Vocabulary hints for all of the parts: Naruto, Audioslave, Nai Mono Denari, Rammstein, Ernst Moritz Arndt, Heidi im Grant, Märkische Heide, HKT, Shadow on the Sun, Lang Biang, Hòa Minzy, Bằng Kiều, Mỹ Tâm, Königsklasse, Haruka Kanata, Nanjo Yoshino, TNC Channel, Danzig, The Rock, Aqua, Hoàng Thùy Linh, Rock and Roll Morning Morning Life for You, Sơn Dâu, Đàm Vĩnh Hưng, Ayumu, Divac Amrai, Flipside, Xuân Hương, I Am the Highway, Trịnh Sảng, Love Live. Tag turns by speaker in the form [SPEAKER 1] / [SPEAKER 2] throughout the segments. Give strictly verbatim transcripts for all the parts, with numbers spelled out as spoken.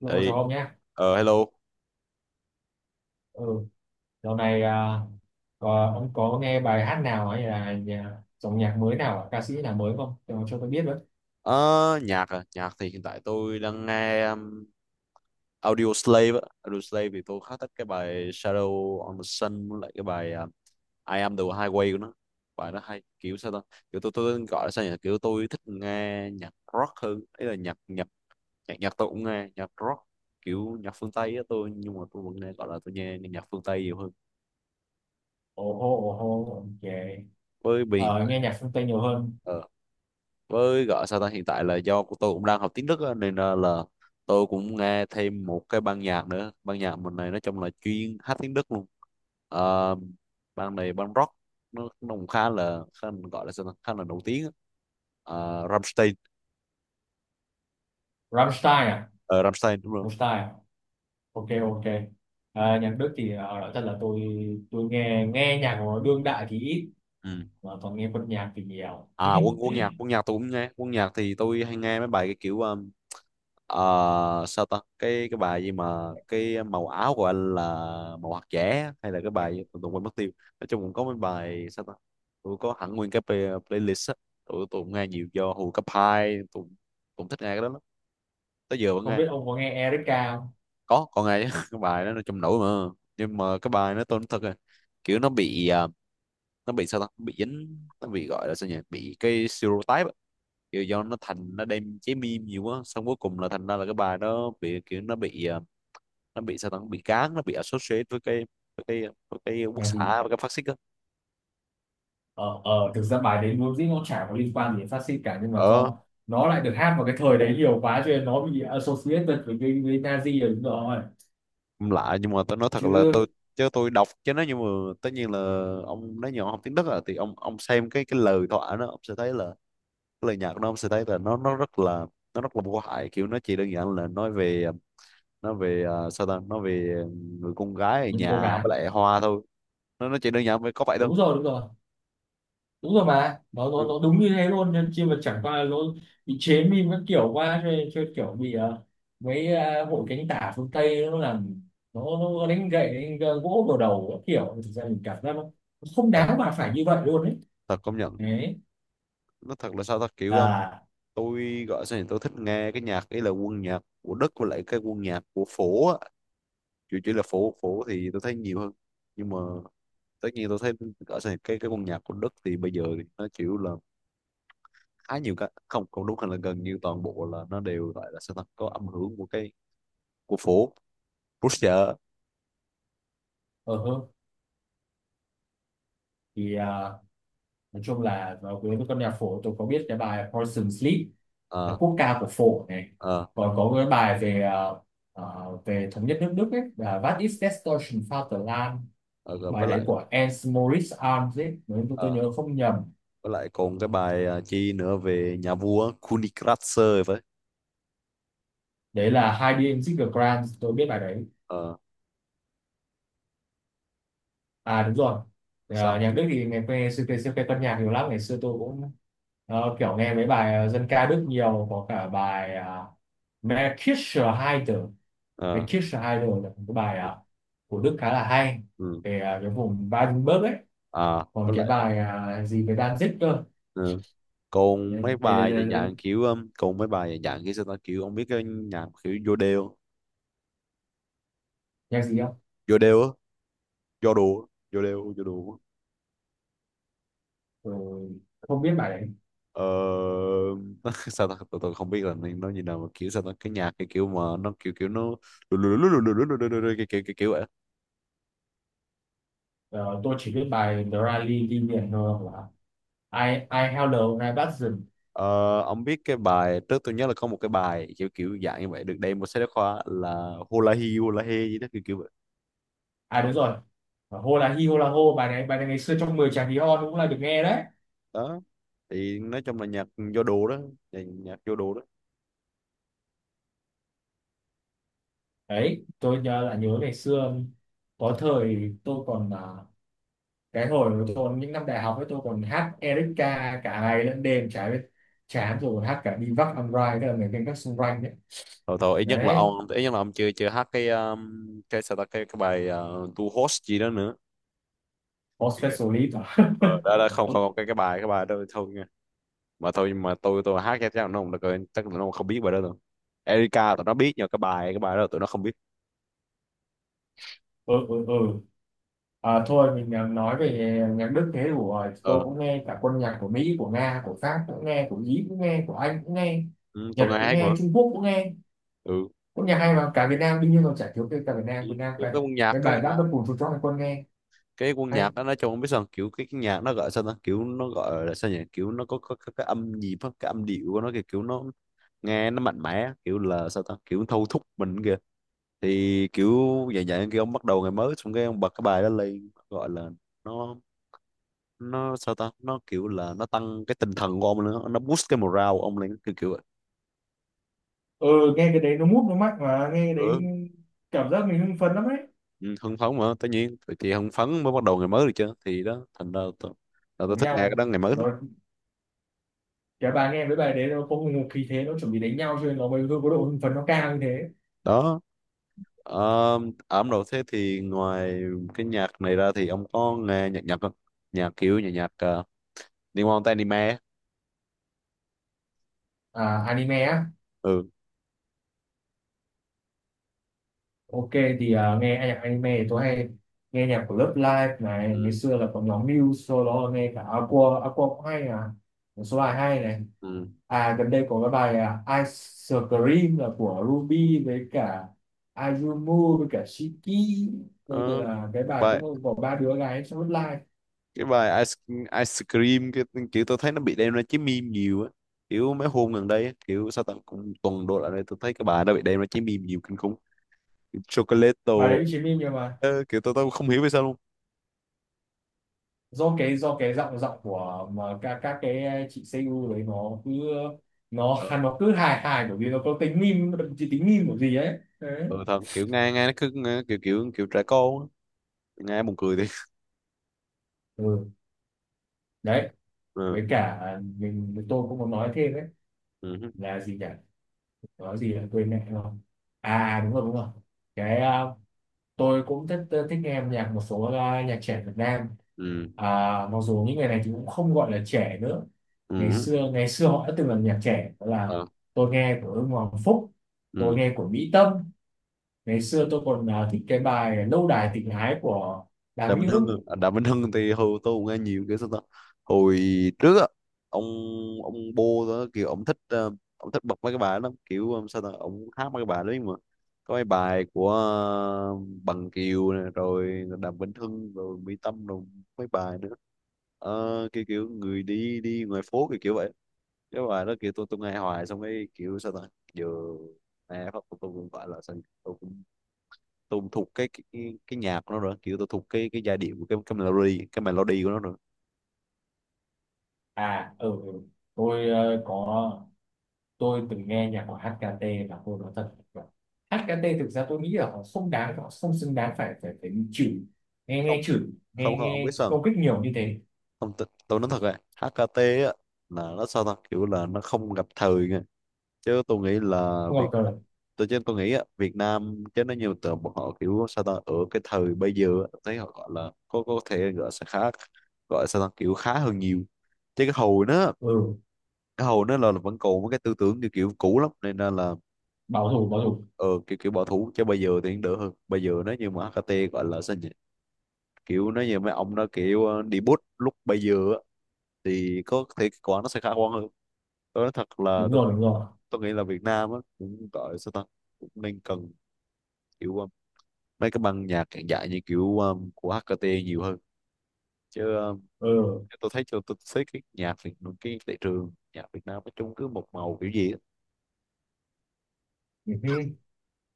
[SPEAKER 1] Đúng rồi,
[SPEAKER 2] Ê,
[SPEAKER 1] chào ông nhé.
[SPEAKER 2] ờ hello.
[SPEAKER 1] Ừ, dạo này à, có, ông có nghe bài hát nào hay là nhà, dòng nhạc mới nào, ca sĩ nào mới không? Cho, cho tôi biết với.
[SPEAKER 2] Ờ, Nhạc à? Nhạc thì hiện tại tôi đang nghe um, Audio Slave á. Audio Slave thì tôi khá thích cái bài Shadow on the Sun với lại cái bài um, I Am the Highway của nó. Bài nó hay kiểu sao ta? Kiểu tôi tôi gọi là sao nhỉ? Kiểu tôi thích nghe nhạc rock hơn. Ý là nhạc nhạc nhạc nhạc tôi cũng nghe nhạc rock kiểu nhạc phương Tây á tôi, nhưng mà tôi vẫn nghe, gọi là tôi nghe, nghe nhạc phương Tây nhiều hơn.
[SPEAKER 1] Ồ hô, ồ hô, ok.
[SPEAKER 2] Với biển
[SPEAKER 1] Ờ, Nghe nhạc phương Tây nhiều hơn.
[SPEAKER 2] ờ, với gọi sao ta, hiện tại là do của tôi cũng đang học tiếng Đức á, nên là, là tôi cũng nghe thêm một cái ban nhạc nữa, ban nhạc mình này nói chung là chuyên hát tiếng Đức luôn. Ờ, Ban này ban rock, nó, nó cũng khá là khá, gọi là sao ta, khá là nổi tiếng á. Ờ, Rammstein.
[SPEAKER 1] Rammstein à?
[SPEAKER 2] Ờ, Rammstein đúng rồi.
[SPEAKER 1] Rammstein à? Ok, ok. À, nhạc Đức thì à, nói thật là tôi tôi nghe nghe nhạc của đương đại thì ít,
[SPEAKER 2] Ừ.
[SPEAKER 1] mà toàn nghe quân nhạc thì nhiều.
[SPEAKER 2] À, quân quân nhạc quân nhạc tôi cũng nghe. Quân nhạc thì tôi hay nghe mấy bài cái kiểu um, ờ, sao ta, cái cái bài gì mà cái màu áo của anh là màu hạt dẻ á, hay là cái bài gì? Tụi tôi quên mất tiêu. Nói chung cũng có mấy bài sao ta, tụi có hẳn nguyên cái play- playlist á. Tụi tụi cũng nghe nhiều do hồi cấp hai tụi cũng thích nghe cái đó lắm, tới giờ vẫn
[SPEAKER 1] Không
[SPEAKER 2] nghe.
[SPEAKER 1] biết ông có nghe Erika không?
[SPEAKER 2] Có còn nghe chứ. Cái bài đó nó trong nổi, mà nhưng mà cái bài nó tôi nói thật rồi, kiểu nó bị à, nó bị sao ta, bị dính, nó bị gọi là sao nhỉ, bị cái stereotype á. Kiểu do nó thành nó đem chế meme nhiều quá, xong cuối cùng là thành ra là cái bài nó bị kiểu nó bị à, nó bị sao ta, nó bị gán, nó bị associate với cái với cái với cái quốc
[SPEAKER 1] Là gì?
[SPEAKER 2] xã và cái phát xít á.
[SPEAKER 1] ờ ờ thực ra bài đấy vốn dĩ nó chả có liên quan gì đến phát xít cả, nhưng mà
[SPEAKER 2] Ờ,
[SPEAKER 1] do nó lại được hát vào cái thời đấy nhiều quá cho nên nó bị associated với cái, với Nazi rồi, đúng rồi,
[SPEAKER 2] cũng lạ, nhưng mà tôi nói thật là tôi
[SPEAKER 1] chứ
[SPEAKER 2] chứ tôi đọc chứ nó, nhưng mà tất nhiên là ông nói nhỏ học tiếng Đức à, thì ông ông xem cái cái lời thoại nó, ông sẽ thấy là cái lời nhạc của nó, ông sẽ thấy là nó nó rất là nó rất là vô hại, kiểu nó chỉ đơn giản là nói về nó về à, sao ta, nó về người con gái ở
[SPEAKER 1] những cô
[SPEAKER 2] nhà
[SPEAKER 1] gái
[SPEAKER 2] với lại hoa thôi. Nó nó chỉ đơn giản với có vậy thôi.
[SPEAKER 1] đúng rồi, đúng rồi, đúng rồi, mà nó
[SPEAKER 2] Ừ.
[SPEAKER 1] nó, nó đúng như thế luôn, nên chi mà chẳng qua là nó bị chế meme các kiểu quá cho nên, cho nên kiểu bị ờ, mấy ờ, hội cánh tả phương Tây nó làm nó, nó đánh gậy đánh gỗ vào đầu các kiểu. Thực ra mình cảm giác nó không
[SPEAKER 2] Thật,
[SPEAKER 1] đáng mà phải như vậy luôn đấy.
[SPEAKER 2] thật công nhận.
[SPEAKER 1] Đấy,
[SPEAKER 2] Nó thật là sao ta, kiểu um,
[SPEAKER 1] à,
[SPEAKER 2] tôi gọi sao nhỉ, tôi thích nghe cái nhạc ấy là quân nhạc của Đức với lại cái quân nhạc của phố á, chủ chỉ là phố. Phố thì tôi thấy nhiều hơn, nhưng mà tất nhiên tôi thấy gọi sao nhỉ, cái cái quân nhạc của Đức thì bây giờ thì nó chịu là khá nhiều cái không không đúng, hay là gần như toàn bộ là nó đều gọi là sao ta, có âm hưởng của cái của phố Russia.
[SPEAKER 1] ờ hơ. Thì à, nói chung là nó, với con nhạc phổ tôi có biết cái bài Poison Sleep là
[SPEAKER 2] Ờ,
[SPEAKER 1] quốc ca của phổ này,
[SPEAKER 2] ờ.
[SPEAKER 1] còn có cái bài về ờ, ờ, về thống nhất nước Đức ấy là What is Destruction Vaterland,
[SPEAKER 2] Ờ, rồi
[SPEAKER 1] bài
[SPEAKER 2] với
[SPEAKER 1] đấy
[SPEAKER 2] lại
[SPEAKER 1] của Ernst Moritz Arndt ấy nếu tôi, tôi
[SPEAKER 2] ờ,
[SPEAKER 1] nhớ không nhầm.
[SPEAKER 2] với lại còn cái bài à, chi nữa về nhà vua Königsklasse phải.
[SPEAKER 1] Đấy là Heidi im Grant, tôi biết bài đấy.
[SPEAKER 2] Ờ,
[SPEAKER 1] À đúng rồi. Ờ,
[SPEAKER 2] sao.
[SPEAKER 1] nhạc Đức thì ngày xưa xưa, xưa cái con nhạc nhiều lắm, ngày xưa tôi cũng ờ, kiểu nghe mấy bài dân ca Đức nhiều, có cả bài uh, Märkische Heide, cái
[SPEAKER 2] Ờ.
[SPEAKER 1] Kiss the Idol là một cái bài
[SPEAKER 2] Ừ.
[SPEAKER 1] à, của Đức khá là hay
[SPEAKER 2] Ừ,
[SPEAKER 1] về à, cái vùng Baden-Württemberg ấy,
[SPEAKER 2] à
[SPEAKER 1] còn
[SPEAKER 2] với
[SPEAKER 1] cái
[SPEAKER 2] lại
[SPEAKER 1] bài à, gì về Danzig cơ.
[SPEAKER 2] ừ, còn
[SPEAKER 1] Đây
[SPEAKER 2] mấy
[SPEAKER 1] đây đây,
[SPEAKER 2] bài dạng
[SPEAKER 1] đây, đây.
[SPEAKER 2] dạng kiểu um, còn mấy bài dạng dạng kiểu sao ta, kiểu ông biết cái nhạc kiểu vô đeo,
[SPEAKER 1] Nhạc gì không.
[SPEAKER 2] vô đeo á, vô đùa, vô đeo vô đùa.
[SPEAKER 1] Ừ, không biết bài đấy.
[SPEAKER 2] Ờ. Sao ta, tôi, tôi không biết là nên nó như nào, mà kiểu sao ta, cái nhạc cái kiểu mà nó kiểu kiểu nó lù lù lù lù lù lù lù lù lù lù, cái kiểu kiểu kiểu vậy.
[SPEAKER 1] Ờ, tôi chỉ biết bài The Rally đi biển thôi, hoặc là I I Held the Horizon.
[SPEAKER 2] Ờ, ông biết cái bài trước tôi nhớ là có một cái bài kiểu kiểu dạng như vậy được đem một sách giáo khoa là hula hi hula he gì đó kiểu kiểu vậy.
[SPEAKER 1] À đúng rồi, và là hi hô là hô, bài này bài này ngày xưa trong mười chàng hí hon cũng là được nghe đấy.
[SPEAKER 2] Đó, thì nói chung là nhạc vô đồ đó, nhạc nhạc vô đồ.
[SPEAKER 1] Đấy tôi nhớ là nhớ ngày xưa có thời tôi còn à, cái hồi tôi những năm đại học ấy, tôi còn hát Erika cả ngày lẫn đêm chả biết chán, rồi còn hát cả Divac Amrai tức là người canh gác xung quanh đấy.
[SPEAKER 2] Thôi thôi ít nhất là ông,
[SPEAKER 1] Đấy,
[SPEAKER 2] ít nhất là ông chưa chưa hát cái um, cái sao ta cái cái bài uh, tu host gì đó nữa.
[SPEAKER 1] có
[SPEAKER 2] Cái- cái-
[SPEAKER 1] specialist à?
[SPEAKER 2] ờ, đó đó, không
[SPEAKER 1] Ừ
[SPEAKER 2] không không, cái cái bài cái bài đó thôi nha. Mà thôi, nhưng mà tôi tôi hát cho chắc là nó không được rồi, chắc là nó không biết bài đó đâu. Erika tụi nó biết, nhưng mà cái bài cái bài đó tụi nó không biết.
[SPEAKER 1] ừ ừ ừ. À, thôi mình à, nói về nhạc Đức thế đủ rồi. Tôi
[SPEAKER 2] Ờ.
[SPEAKER 1] cũng nghe cả quân nhạc của Mỹ, của Nga, của Pháp cũng nghe, của Ý cũng nghe, của Anh cũng nghe,
[SPEAKER 2] Ừ, tôi
[SPEAKER 1] Nhật
[SPEAKER 2] nghe
[SPEAKER 1] cũng
[SPEAKER 2] hát mà.
[SPEAKER 1] nghe, Trung Quốc cũng nghe,
[SPEAKER 2] Ừ.
[SPEAKER 1] quân nhạc hay mà, cả Việt Nam đương nhiên, còn chả thiếu cái cả Việt Nam
[SPEAKER 2] cái,
[SPEAKER 1] Việt Nam
[SPEAKER 2] cái
[SPEAKER 1] vậy,
[SPEAKER 2] cái quân nhạc
[SPEAKER 1] cái
[SPEAKER 2] cái
[SPEAKER 1] bài
[SPEAKER 2] quân nhạc,
[SPEAKER 1] giáp đất bùn chuột chóc hay quân nghe
[SPEAKER 2] cái quân
[SPEAKER 1] hay.
[SPEAKER 2] nhạc đó nói chung không biết sao, kiểu cái, cái nhạc nó gọi sao ta, kiểu nó gọi là sao nhỉ, kiểu nó có, có, có cái âm nhịp á, cái âm điệu của nó kìa, kiểu nó nghe nó mạnh mẽ kiểu là sao ta, kiểu thâu thúc mình kìa, thì kiểu dạng dạng kia, ông bắt đầu ngày mới xong cái ông bật cái bài đó lên, gọi là nó nó sao ta, nó kiểu là nó tăng cái tinh thần của ông nữa, nó boost cái morale của ông lên kiểu kiểu vậy.
[SPEAKER 1] Ừ nghe cái đấy nó mút nó mạnh, mà nghe cái đấy
[SPEAKER 2] Ừ.
[SPEAKER 1] cảm giác mình hưng phấn lắm đấy.
[SPEAKER 2] Ừ, hưng phấn mà tất nhiên vậy, thì hưng phấn mới bắt đầu ngày mới được chứ, thì đó thành ra tôi, là tôi
[SPEAKER 1] Đánh
[SPEAKER 2] thích nghe cái
[SPEAKER 1] nhau,
[SPEAKER 2] đó ngày mới đó.
[SPEAKER 1] nó, cái bài nghe với bài đấy nó có một khí thế nó chuẩn bị đánh nhau, cho nên nó mới có độ hưng phấn nó cao như thế.
[SPEAKER 2] Đó, um, ẩm đầu thế thì ngoài cái nhạc này ra thì ông có nghe nhạc Nhật không, nhạc kiểu nhạc nhạc uh, liên quan tới anime.
[SPEAKER 1] À anime á.
[SPEAKER 2] Ừ.
[SPEAKER 1] Ok, thì à, nghe nhạc anime thì tôi hay nghe nhạc của Love Live này,
[SPEAKER 2] Ừ,
[SPEAKER 1] ngày xưa là có nhóm Muse, sau đó nghe cả Aqua, Aqua cũng hay à, một số bài hay này.
[SPEAKER 2] ừ.
[SPEAKER 1] À gần đây có cái bài à, Ice Cream là của Ruby với cả Ayumu với cả Shiki, đây
[SPEAKER 2] Ờ,
[SPEAKER 1] là cái
[SPEAKER 2] cái
[SPEAKER 1] bài
[SPEAKER 2] bài
[SPEAKER 1] cũng có ba đứa gái trong Love Live.
[SPEAKER 2] cái bài ice, ice cream cái kiểu tôi thấy nó bị đem ra chế meme nhiều á, kiểu mấy hôm gần đây á, kiểu sao tầm cũng tuần đổ lại đây tôi thấy cái bài nó bị đem ra chế meme nhiều kinh khủng. Kiểu chocolate.
[SPEAKER 1] Bài đấy chỉ meme nhưng mà
[SPEAKER 2] Ờ, kiểu tôi, tôi không hiểu vì sao luôn.
[SPEAKER 1] do cái do cái giọng giọng của mà các các cái ờ, chị xê u đấy nó cứ nó
[SPEAKER 2] ờ,
[SPEAKER 1] nó cứ hài hài, bởi vì nó có tính meme, chỉ tính meme của gì ấy đấy.
[SPEAKER 2] ờ thật, kiểu nghe nghe nó cứ nghe, kiểu kiểu kiểu trẻ con á, nghe buồn cười đi.
[SPEAKER 1] Ừ, đấy
[SPEAKER 2] ừ
[SPEAKER 1] với cả mình tôi cũng muốn nói thêm đấy,
[SPEAKER 2] ừ
[SPEAKER 1] là gì nhỉ, nói gì là quên mẹ rồi. À đúng rồi đúng rồi, cái ờ, tôi cũng thích thích nghe âm nhạc một số ờ, nhạc trẻ Việt Nam,
[SPEAKER 2] ừ
[SPEAKER 1] à, mặc dù những người này thì cũng không gọi là trẻ nữa, ngày
[SPEAKER 2] ừ
[SPEAKER 1] xưa ngày xưa họ đã từng là nhạc trẻ đó là
[SPEAKER 2] ờ,
[SPEAKER 1] tôi nghe của Ưng Hoàng Phúc, tôi
[SPEAKER 2] ừ.
[SPEAKER 1] nghe của Mỹ Tâm. Ngày xưa tôi còn ờ, thích cái bài Lâu đài tình ái của Đàm
[SPEAKER 2] Đàm
[SPEAKER 1] Vĩnh
[SPEAKER 2] Vĩnh Hưng
[SPEAKER 1] Hưng.
[SPEAKER 2] à? Đàm Vĩnh Hưng thì hồi tôi cũng nghe nhiều, kiểu sao ta, hồi trước á. ông ông Bô đó, kiểu ông thích ờ, ông thích bật mấy cái bài lắm, kiểu ờ, sao ta, ông hát mấy cái bài đấy mà. Có mấy bài của ờ, Bằng Kiều nè, rồi Đàm Vĩnh Hưng, rồi Mỹ Tâm, rồi mấy bài nữa. Ờ, kiểu kiểu người đi đi ngoài phố kiểu kiểu vậy. Cái bài đó kiểu tôi tôi nghe hoài, xong cái kiểu sao ta, giờ nghe phát tôi cũng gọi là sao nhỉ? Tôi cũng tôi cũng thuộc cái, cái cái nhạc của nó rồi, kiểu tôi thuộc cái cái giai điệu của cái cái melody cái melody của nó rồi.
[SPEAKER 1] À ừ ừ. Tôi ờ, có, tôi từng nghe nhạc của hát ca tê, và tôi nói thật là hát ca tê thực ra tôi nghĩ là họ không đáng, họ không xứng đáng phải phải phải bị chửi, nghe
[SPEAKER 2] không
[SPEAKER 1] nghe chửi,
[SPEAKER 2] không
[SPEAKER 1] nghe
[SPEAKER 2] không ông biết
[SPEAKER 1] nghe
[SPEAKER 2] sao không.
[SPEAKER 1] công kích nhiều như thế.
[SPEAKER 2] Không, tôi, tôi nói thật rồi, hát ca tê á, là nó sao ta, kiểu là nó không gặp thời nha. Chứ tôi nghĩ là
[SPEAKER 1] Không
[SPEAKER 2] Việt,
[SPEAKER 1] gặp trời.
[SPEAKER 2] tôi chứ tôi nghĩ á, Việt Nam chứ nó nhiều tờ bọn họ, kiểu sao ta, ở cái thời bây giờ á, thấy họ gọi là có có thể gọi sẽ khá, gọi sao ta, kiểu khá hơn nhiều. Chứ cái hồi nó,
[SPEAKER 1] Ừ
[SPEAKER 2] cái hồi nó là, là vẫn còn một cái tư tưởng kiểu, kiểu cũ lắm nên là
[SPEAKER 1] bảo thủ bảo thủ
[SPEAKER 2] ờ, kiểu kiểu bỏ thú. Chứ bây giờ thì đỡ hơn, bây giờ nó như mà hát ca tê gọi là sao nhỉ, kiểu nó như mấy ông nó kiểu ờ, đi bút lúc bây giờ á, thì có thể kết quả nó sẽ khả quan hơn. Tôi nói thật là
[SPEAKER 1] đúng
[SPEAKER 2] tôi
[SPEAKER 1] rồi
[SPEAKER 2] nghĩ
[SPEAKER 1] đúng
[SPEAKER 2] là,
[SPEAKER 1] rồi.
[SPEAKER 2] tôi nghĩ là Việt Nam á cũng gọi sao ta, cũng nên cần kiểu ờ, mấy cái băng nhạc hiện đại như kiểu ờ, của hát ca tê nhiều hơn. Chứ ờ,
[SPEAKER 1] Ừ
[SPEAKER 2] tôi thấy cho tôi thấy cái nhạc Việt, cái thị trường nhạc Việt Nam nói chung cứ một màu kiểu gì á
[SPEAKER 1] ừ.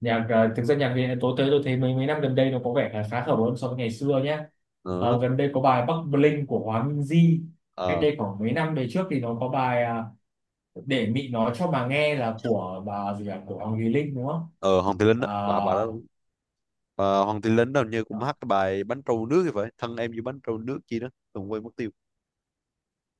[SPEAKER 1] Nhạc à, thực ra nhạc Việt tôi tới tôi thấy mấy mấy năm gần đây nó có vẻ là khá khá hơn so với ngày xưa nhé.
[SPEAKER 2] nữa.
[SPEAKER 1] Ờ, gần đây có bài Bắc Bling của Hòa Minzy, cách
[SPEAKER 2] Ờ.
[SPEAKER 1] đây khoảng mấy năm về trước thì nó có bài à, để Mị nói cho mà nghe là của bà gì à, của Hoàng Thùy Linh đúng không.
[SPEAKER 2] Ờ, Hồng Thị Linh á,
[SPEAKER 1] À,
[SPEAKER 2] bà bà đó. Ờ, Hoàng Tiến Lính đâu như cũng hát cái bài bánh trâu nước thì phải, thân em như bánh trâu nước chi đó, đừng quên mất tiêu.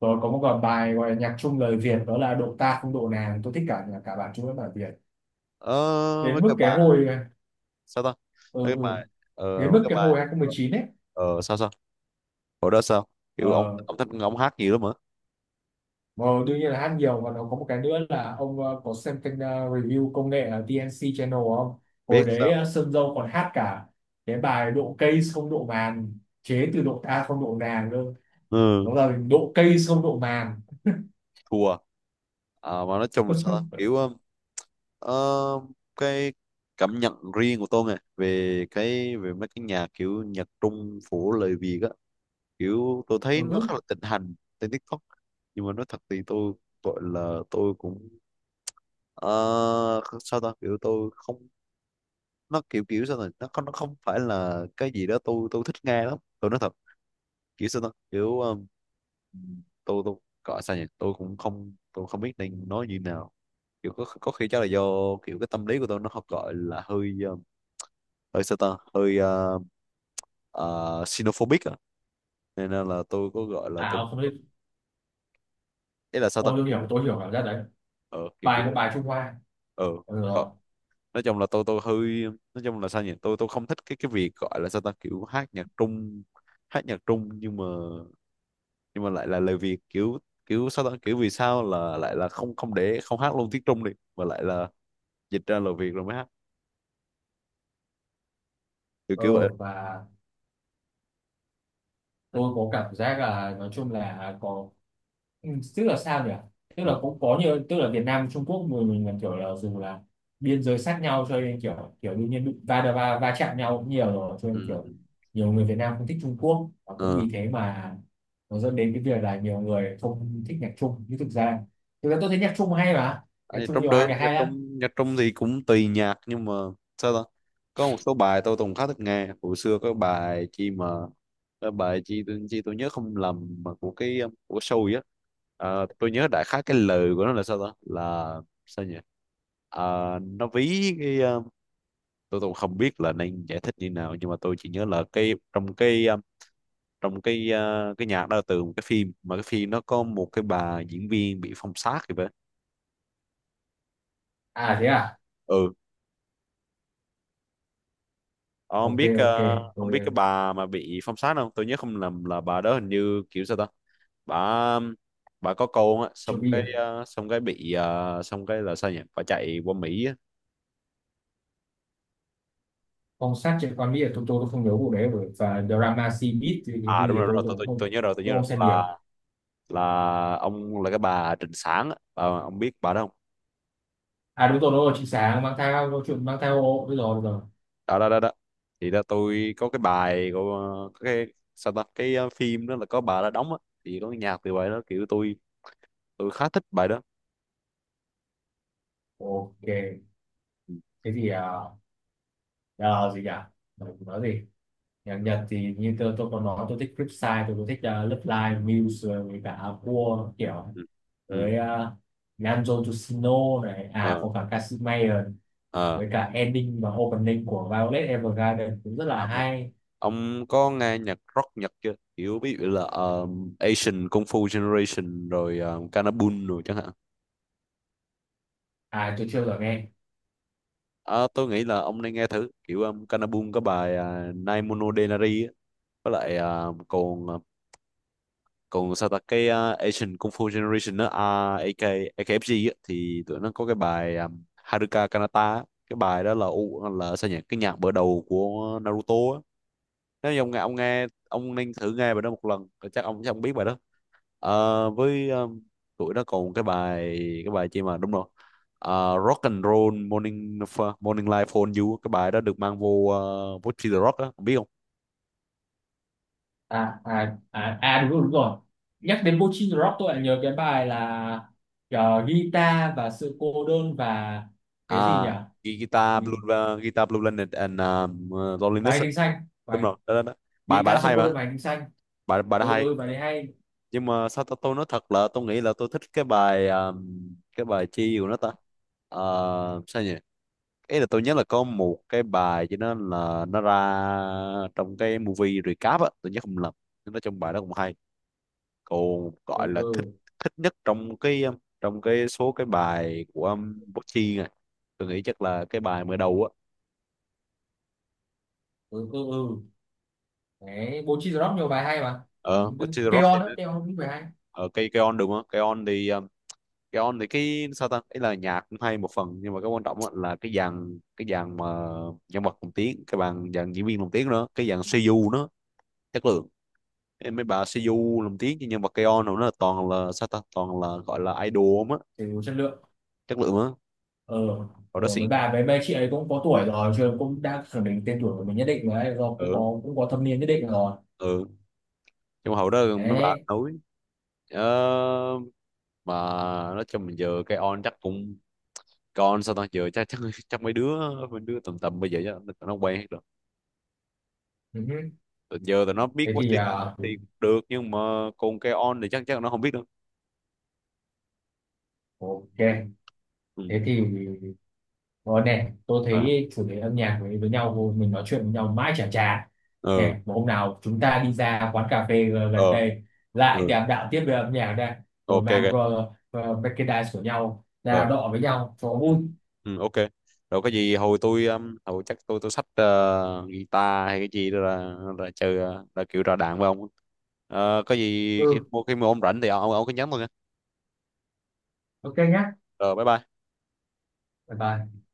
[SPEAKER 1] rồi có một còn bài gọi là nhạc trung lời Việt, đó là độ ta không độ nàng, tôi thích cả cả bản trung với bản Việt,
[SPEAKER 2] Ờ, mấy
[SPEAKER 1] đến mức
[SPEAKER 2] cái
[SPEAKER 1] cái
[SPEAKER 2] bài
[SPEAKER 1] hồi à,
[SPEAKER 2] sao ta
[SPEAKER 1] ừ,
[SPEAKER 2] mấy cái
[SPEAKER 1] ừ.
[SPEAKER 2] bài ờ,
[SPEAKER 1] Đến
[SPEAKER 2] mấy
[SPEAKER 1] mức
[SPEAKER 2] cái
[SPEAKER 1] cái
[SPEAKER 2] bài.
[SPEAKER 1] hồi hai không một chín ấy,
[SPEAKER 2] Ờ, sao sao, hồi đó sao, kiểu ông
[SPEAKER 1] ờ,
[SPEAKER 2] ông thích ông hát nhiều lắm hả.
[SPEAKER 1] Ờ, đương nhiên là hát nhiều, và nó có một cái nữa là ông ờ, có xem kênh ờ, review công nghệ ở tê en xê Channel không?
[SPEAKER 2] Biết
[SPEAKER 1] Hồi đấy
[SPEAKER 2] sao.
[SPEAKER 1] ờ, Sơn Dâu còn hát cả cái bài độ cây không độ màn, chế từ độ ta không độ nàng cơ.
[SPEAKER 2] Ừ.
[SPEAKER 1] Nó là độ cây không độ màn.
[SPEAKER 2] Thua. Ờ, mà nói chung là sao ta? kiểu um, ờ, cái cảm nhận riêng của tôi nè về cái về mấy cái nhạc kiểu nhạc Trung của lời Việt á, kiểu tôi thấy nó
[SPEAKER 1] Ừ.
[SPEAKER 2] khá là thịnh hành trên TikTok. Nhưng mà nói thật thì tôi gọi là tôi cũng ờ, sao ta, kiểu tôi không, nó kiểu kiểu sao này nó không, nó không phải là cái gì đó tôi tôi thích nghe lắm, tôi nói thật. Kiểu sao đó, kiểu um, tôi tôi gọi sao nhỉ, tôi cũng không, tôi không biết nên nói như nào. Kiểu có có khi chắc là do kiểu cái tâm lý của tôi nó học, gọi là hơi um, hơi sao ta, hơi uh, uh, xenophobic à, nên là, là tôi có gọi là
[SPEAKER 1] À
[SPEAKER 2] tôi,
[SPEAKER 1] ông không biết.
[SPEAKER 2] ý là sao ta,
[SPEAKER 1] Ôi tôi
[SPEAKER 2] kiểu
[SPEAKER 1] hiểu, tôi hiểu cảm giác đấy.
[SPEAKER 2] ờ kiểu kiểu
[SPEAKER 1] Bài nó bài Trung Hoa.
[SPEAKER 2] ờ
[SPEAKER 1] Ừ
[SPEAKER 2] gọi,
[SPEAKER 1] rồi.
[SPEAKER 2] nói chung là tôi tôi hơi, nói chung là sao nhỉ, tôi tôi không thích cái cái việc gọi là sao ta kiểu hát nhạc trung, hát nhạc trung nhưng mà, nhưng mà lại là lời Việt, kiểu kiểu sao ta, kiểu vì sao là lại là không không để không hát luôn tiếng Trung đi, mà lại là dịch ra lời Việt rồi mới hát, kiểu kiểu
[SPEAKER 1] Ừ,
[SPEAKER 2] vậy.
[SPEAKER 1] và tôi có cảm giác là nói chung là có, ừ, tức là sao nhỉ, tức là
[SPEAKER 2] Ừ.
[SPEAKER 1] cũng có nhiều, tức là Việt Nam Trung Quốc mình mình là kiểu là dù là biên giới sát nhau cho nên kiểu kiểu đương nhiên bị va đập- va va chạm nhau cũng nhiều rồi, cho
[SPEAKER 2] Ừ.
[SPEAKER 1] nên kiểu nhiều người Việt Nam không thích Trung Quốc, và cũng
[SPEAKER 2] Ừ.
[SPEAKER 1] vì thế mà nó dẫn đến cái việc là nhiều người không thích nhạc Trung, nhưng thực ra thực ra tôi thấy nhạc Trung hay mà,
[SPEAKER 2] À,
[SPEAKER 1] nhạc Trung
[SPEAKER 2] trong
[SPEAKER 1] nhiều hai
[SPEAKER 2] đó
[SPEAKER 1] cái
[SPEAKER 2] nhạc
[SPEAKER 1] hay lắm.
[SPEAKER 2] Trung, nhạc Trung thì cũng tùy nhạc nhưng mà sao ta, có một số bài tôi từng khá thích nghe hồi xưa, có bài chi mà, cái bài chi tôi, chi tôi nhớ không lầm mà của cái um, của show á. Ờ, tôi nhớ đại khái cái lời của nó là sao ta, là sao nhỉ. Ờ, nó ví cái ờ, tôi tôi không biết là nên giải thích như nào nhưng mà tôi chỉ nhớ là cái trong cái um, trong cái uh, cái nhạc đó là từ một cái phim mà cái phim nó có một cái bà diễn viên bị phong sát thì vậy.
[SPEAKER 1] À thế à.
[SPEAKER 2] Ừ, ông
[SPEAKER 1] Ok
[SPEAKER 2] biết
[SPEAKER 1] ok.
[SPEAKER 2] ờ, ông biết cái
[SPEAKER 1] Rồi
[SPEAKER 2] bà mà bị phong sát không? Tôi nhớ không lầm là bà đó hình như kiểu sao ta, bà um, bà có con á,
[SPEAKER 1] chưa
[SPEAKER 2] xong
[SPEAKER 1] biết
[SPEAKER 2] cái
[SPEAKER 1] à,
[SPEAKER 2] ờ, xong cái bị ờ, xong cái là sao nhỉ, bà chạy qua Mỹ á.
[SPEAKER 1] phong sát trên con Mỹ là tôi tôi tôi không nhớ vụ đấy rồi, và drama C Beat thì cái
[SPEAKER 2] À đúng
[SPEAKER 1] gì
[SPEAKER 2] rồi đúng
[SPEAKER 1] tôi
[SPEAKER 2] rồi,
[SPEAKER 1] tôi
[SPEAKER 2] tôi,
[SPEAKER 1] cũng
[SPEAKER 2] tôi
[SPEAKER 1] không,
[SPEAKER 2] tôi nhớ rồi, tôi nhớ
[SPEAKER 1] tôi không
[SPEAKER 2] rồi
[SPEAKER 1] xem nhiều.
[SPEAKER 2] là là ông, là cái bà Trịnh Sảng á. Bà- ông biết bà đó không?
[SPEAKER 1] À đúng rồi đúng rồi, chị sáng mang theo câu chuyện mang theo ô, đúng rồi đúng rồi.
[SPEAKER 2] Đó đó đó đó, thì đó tôi có cái bài của ờ, có cái sao ta cái ờ, phim đó là có bà đó đóng á, thì có cái nhạc từ bài đó, kiểu tôi tôi khá thích bài đó.
[SPEAKER 1] Ok,
[SPEAKER 2] Ừ.
[SPEAKER 1] thế thì à, à, gì nhỉ, nói, nói gì. Nhạc Nhật thì như tôi, tôi còn nói tôi thích Flipside, tôi cũng thích uh, Love Live Muse rồi với cả Aqua kiểu,
[SPEAKER 2] Ừ. Ừ.
[SPEAKER 1] với uh, Nanjo Yoshino này, à
[SPEAKER 2] Ờ.
[SPEAKER 1] có cả Kashmir,
[SPEAKER 2] Ờ.
[SPEAKER 1] với cả ending và opening của Violet Evergarden cũng rất là
[SPEAKER 2] À, đúng rồi.
[SPEAKER 1] hay.
[SPEAKER 2] Ông có nghe nhạc rock Nhật chưa? Kiểu ví dụ là ờ, Asian Kung Fu Generation rồi uh, Kanabun rồi chẳng hạn.
[SPEAKER 1] À tôi chưa bao giờ nghe.
[SPEAKER 2] Ờ, tôi nghĩ là ông nên nghe thử, kiểu um, Kanabun có bài uh, Nai Mono Denari á, với lại ờ, còn ờ, còn sao ta cái uh, Asian Kung Fu Generation đó, à, a ca a ca ép giê á, thì tụi nó có cái bài um, Haruka Kanata á. Cái bài đó là u, là sao nhỉ, cái nhạc mở đầu của Naruto á. Nếu như ông nghe, ông nghe, ông nên thử nghe bài đó một lần rồi chắc ông, chắc ông biết bài đó. Ờ, với um, tụi nó còn cái bài, cái bài chi mà, đúng rồi, Ờ, Rock and Roll Morning, Morning Life for You, cái bài đó được mang vô uh, vô The Rock á. Ông biết không?
[SPEAKER 1] À à à, à đúng rồi đúng rồi, nhắc đến Bochin Rock tôi lại nhớ cái bài là ờ, guitar và sự cô đơn và
[SPEAKER 2] À,
[SPEAKER 1] cái gì nhỉ.
[SPEAKER 2] ghi- guitar
[SPEAKER 1] Ừ,
[SPEAKER 2] blue, uh, guitar blue Planet and um, uh,
[SPEAKER 1] bài
[SPEAKER 2] loneliness
[SPEAKER 1] hành
[SPEAKER 2] á.
[SPEAKER 1] tinh xanh,
[SPEAKER 2] Đúng
[SPEAKER 1] bài
[SPEAKER 2] rồi, đó, đó, đó. Bài bài
[SPEAKER 1] guitar
[SPEAKER 2] đó
[SPEAKER 1] sự
[SPEAKER 2] hay
[SPEAKER 1] cô đơn
[SPEAKER 2] mà.
[SPEAKER 1] và hành tinh xanh.
[SPEAKER 2] Bài bài đó
[SPEAKER 1] Ừ
[SPEAKER 2] hay.
[SPEAKER 1] ừ bài đấy hay.
[SPEAKER 2] Nhưng mà sao tôi, tôi nói thật là tôi nghĩ là tôi thích cái bài um, cái bài chi của nó ta. Ờ, sao nhỉ, ý là tôi nhớ là có một cái bài cho nó là nó ra trong cái movie recap á, tôi nhớ không lầm, nó trong bài đó cũng hay, còn
[SPEAKER 1] Ừ
[SPEAKER 2] gọi là thích,
[SPEAKER 1] ừ
[SPEAKER 2] thích nhất trong cái um, trong cái số cái bài của um, Bố này, tôi nghĩ chắc là cái bài mở đầu á.
[SPEAKER 1] ừ ừ ừ đấy, Bochin Rock nhiều bài hay mà. Ừ.
[SPEAKER 2] Ờ Butcher the Rock thì
[SPEAKER 1] Keon
[SPEAKER 2] nó-
[SPEAKER 1] đó, Keon cũng bài hay,
[SPEAKER 2] ờ, cây cây on đúng không? Cây on thì ờ, cây on thì cái sao ta ấy là nhạc cũng hay một phần nhưng mà cái quan trọng á là cái dàn cái dàn mà nhân vật lồng tiếng, cái bàn dàn diễn viên lồng tiếng nữa, cái dàn xê u nó chất lượng. Em mấy bà xê u lồng tiếng cho nhân vật cây on nó là toàn là sao ta, toàn là gọi là idol á,
[SPEAKER 1] thì đủ chất lượng.
[SPEAKER 2] chất lượng á.
[SPEAKER 1] Ờ
[SPEAKER 2] Hồi đó
[SPEAKER 1] ờ
[SPEAKER 2] xịn.
[SPEAKER 1] mấy bà mấy mấy chị ấy cũng có tuổi rồi chứ, cũng đang khẳng định tên tuổi của mình nhất định rồi ấy, rồi cũng
[SPEAKER 2] Ừ.
[SPEAKER 1] có cũng có thâm niên nhất định rồi.
[SPEAKER 2] Ừ. Nhưng mà hồi đó mấy bà
[SPEAKER 1] Đấy,
[SPEAKER 2] nói. Ờ, mà nói chung mình giờ cái on chắc cũng, còn sao tao giờ chắc chắc, chắc mấy đứa mấy đứa tầm tầm bây giờ chắc nó nó quen hết rồi.
[SPEAKER 1] Ừ.
[SPEAKER 2] Tụi giờ tụi nó biết
[SPEAKER 1] Thế thì
[SPEAKER 2] Westy TikTok
[SPEAKER 1] à,
[SPEAKER 2] thì cũng được nhưng mà còn cái on thì chắc, chắc nó không biết đâu.
[SPEAKER 1] ok,
[SPEAKER 2] Ừ.
[SPEAKER 1] thế thì rồi nè, tôi
[SPEAKER 2] À,
[SPEAKER 1] thấy chủ đề âm nhạc với với nhau mình nói chuyện với nhau mãi chả chả.
[SPEAKER 2] ờ,
[SPEAKER 1] Nè, một hôm nào chúng ta đi ra quán cà phê g-
[SPEAKER 2] ờ,
[SPEAKER 1] gần đây lại
[SPEAKER 2] ừ,
[SPEAKER 1] đàm đạo tiếp về âm nhạc đây, rồi
[SPEAKER 2] ok
[SPEAKER 1] mang
[SPEAKER 2] ok,
[SPEAKER 1] uh, merchandise của nhau ra
[SPEAKER 2] ờ,
[SPEAKER 1] đọ với nhau cho
[SPEAKER 2] ừ.
[SPEAKER 1] vui.
[SPEAKER 2] Ừ, ok, rồi cái gì hồi tôi um, hồi chắc tôi tôi xách ờ, guitar hay cái gì đó là là chơi, ờ, là kiểu ra đàn với ông. Ờ, có gì khi
[SPEAKER 1] Ừ,
[SPEAKER 2] mua, khi mua ông rảnh thì ông ông cứ nhắn tôi nha.
[SPEAKER 1] ok nhá.
[SPEAKER 2] Rồi bye bye.
[SPEAKER 1] Bye bye.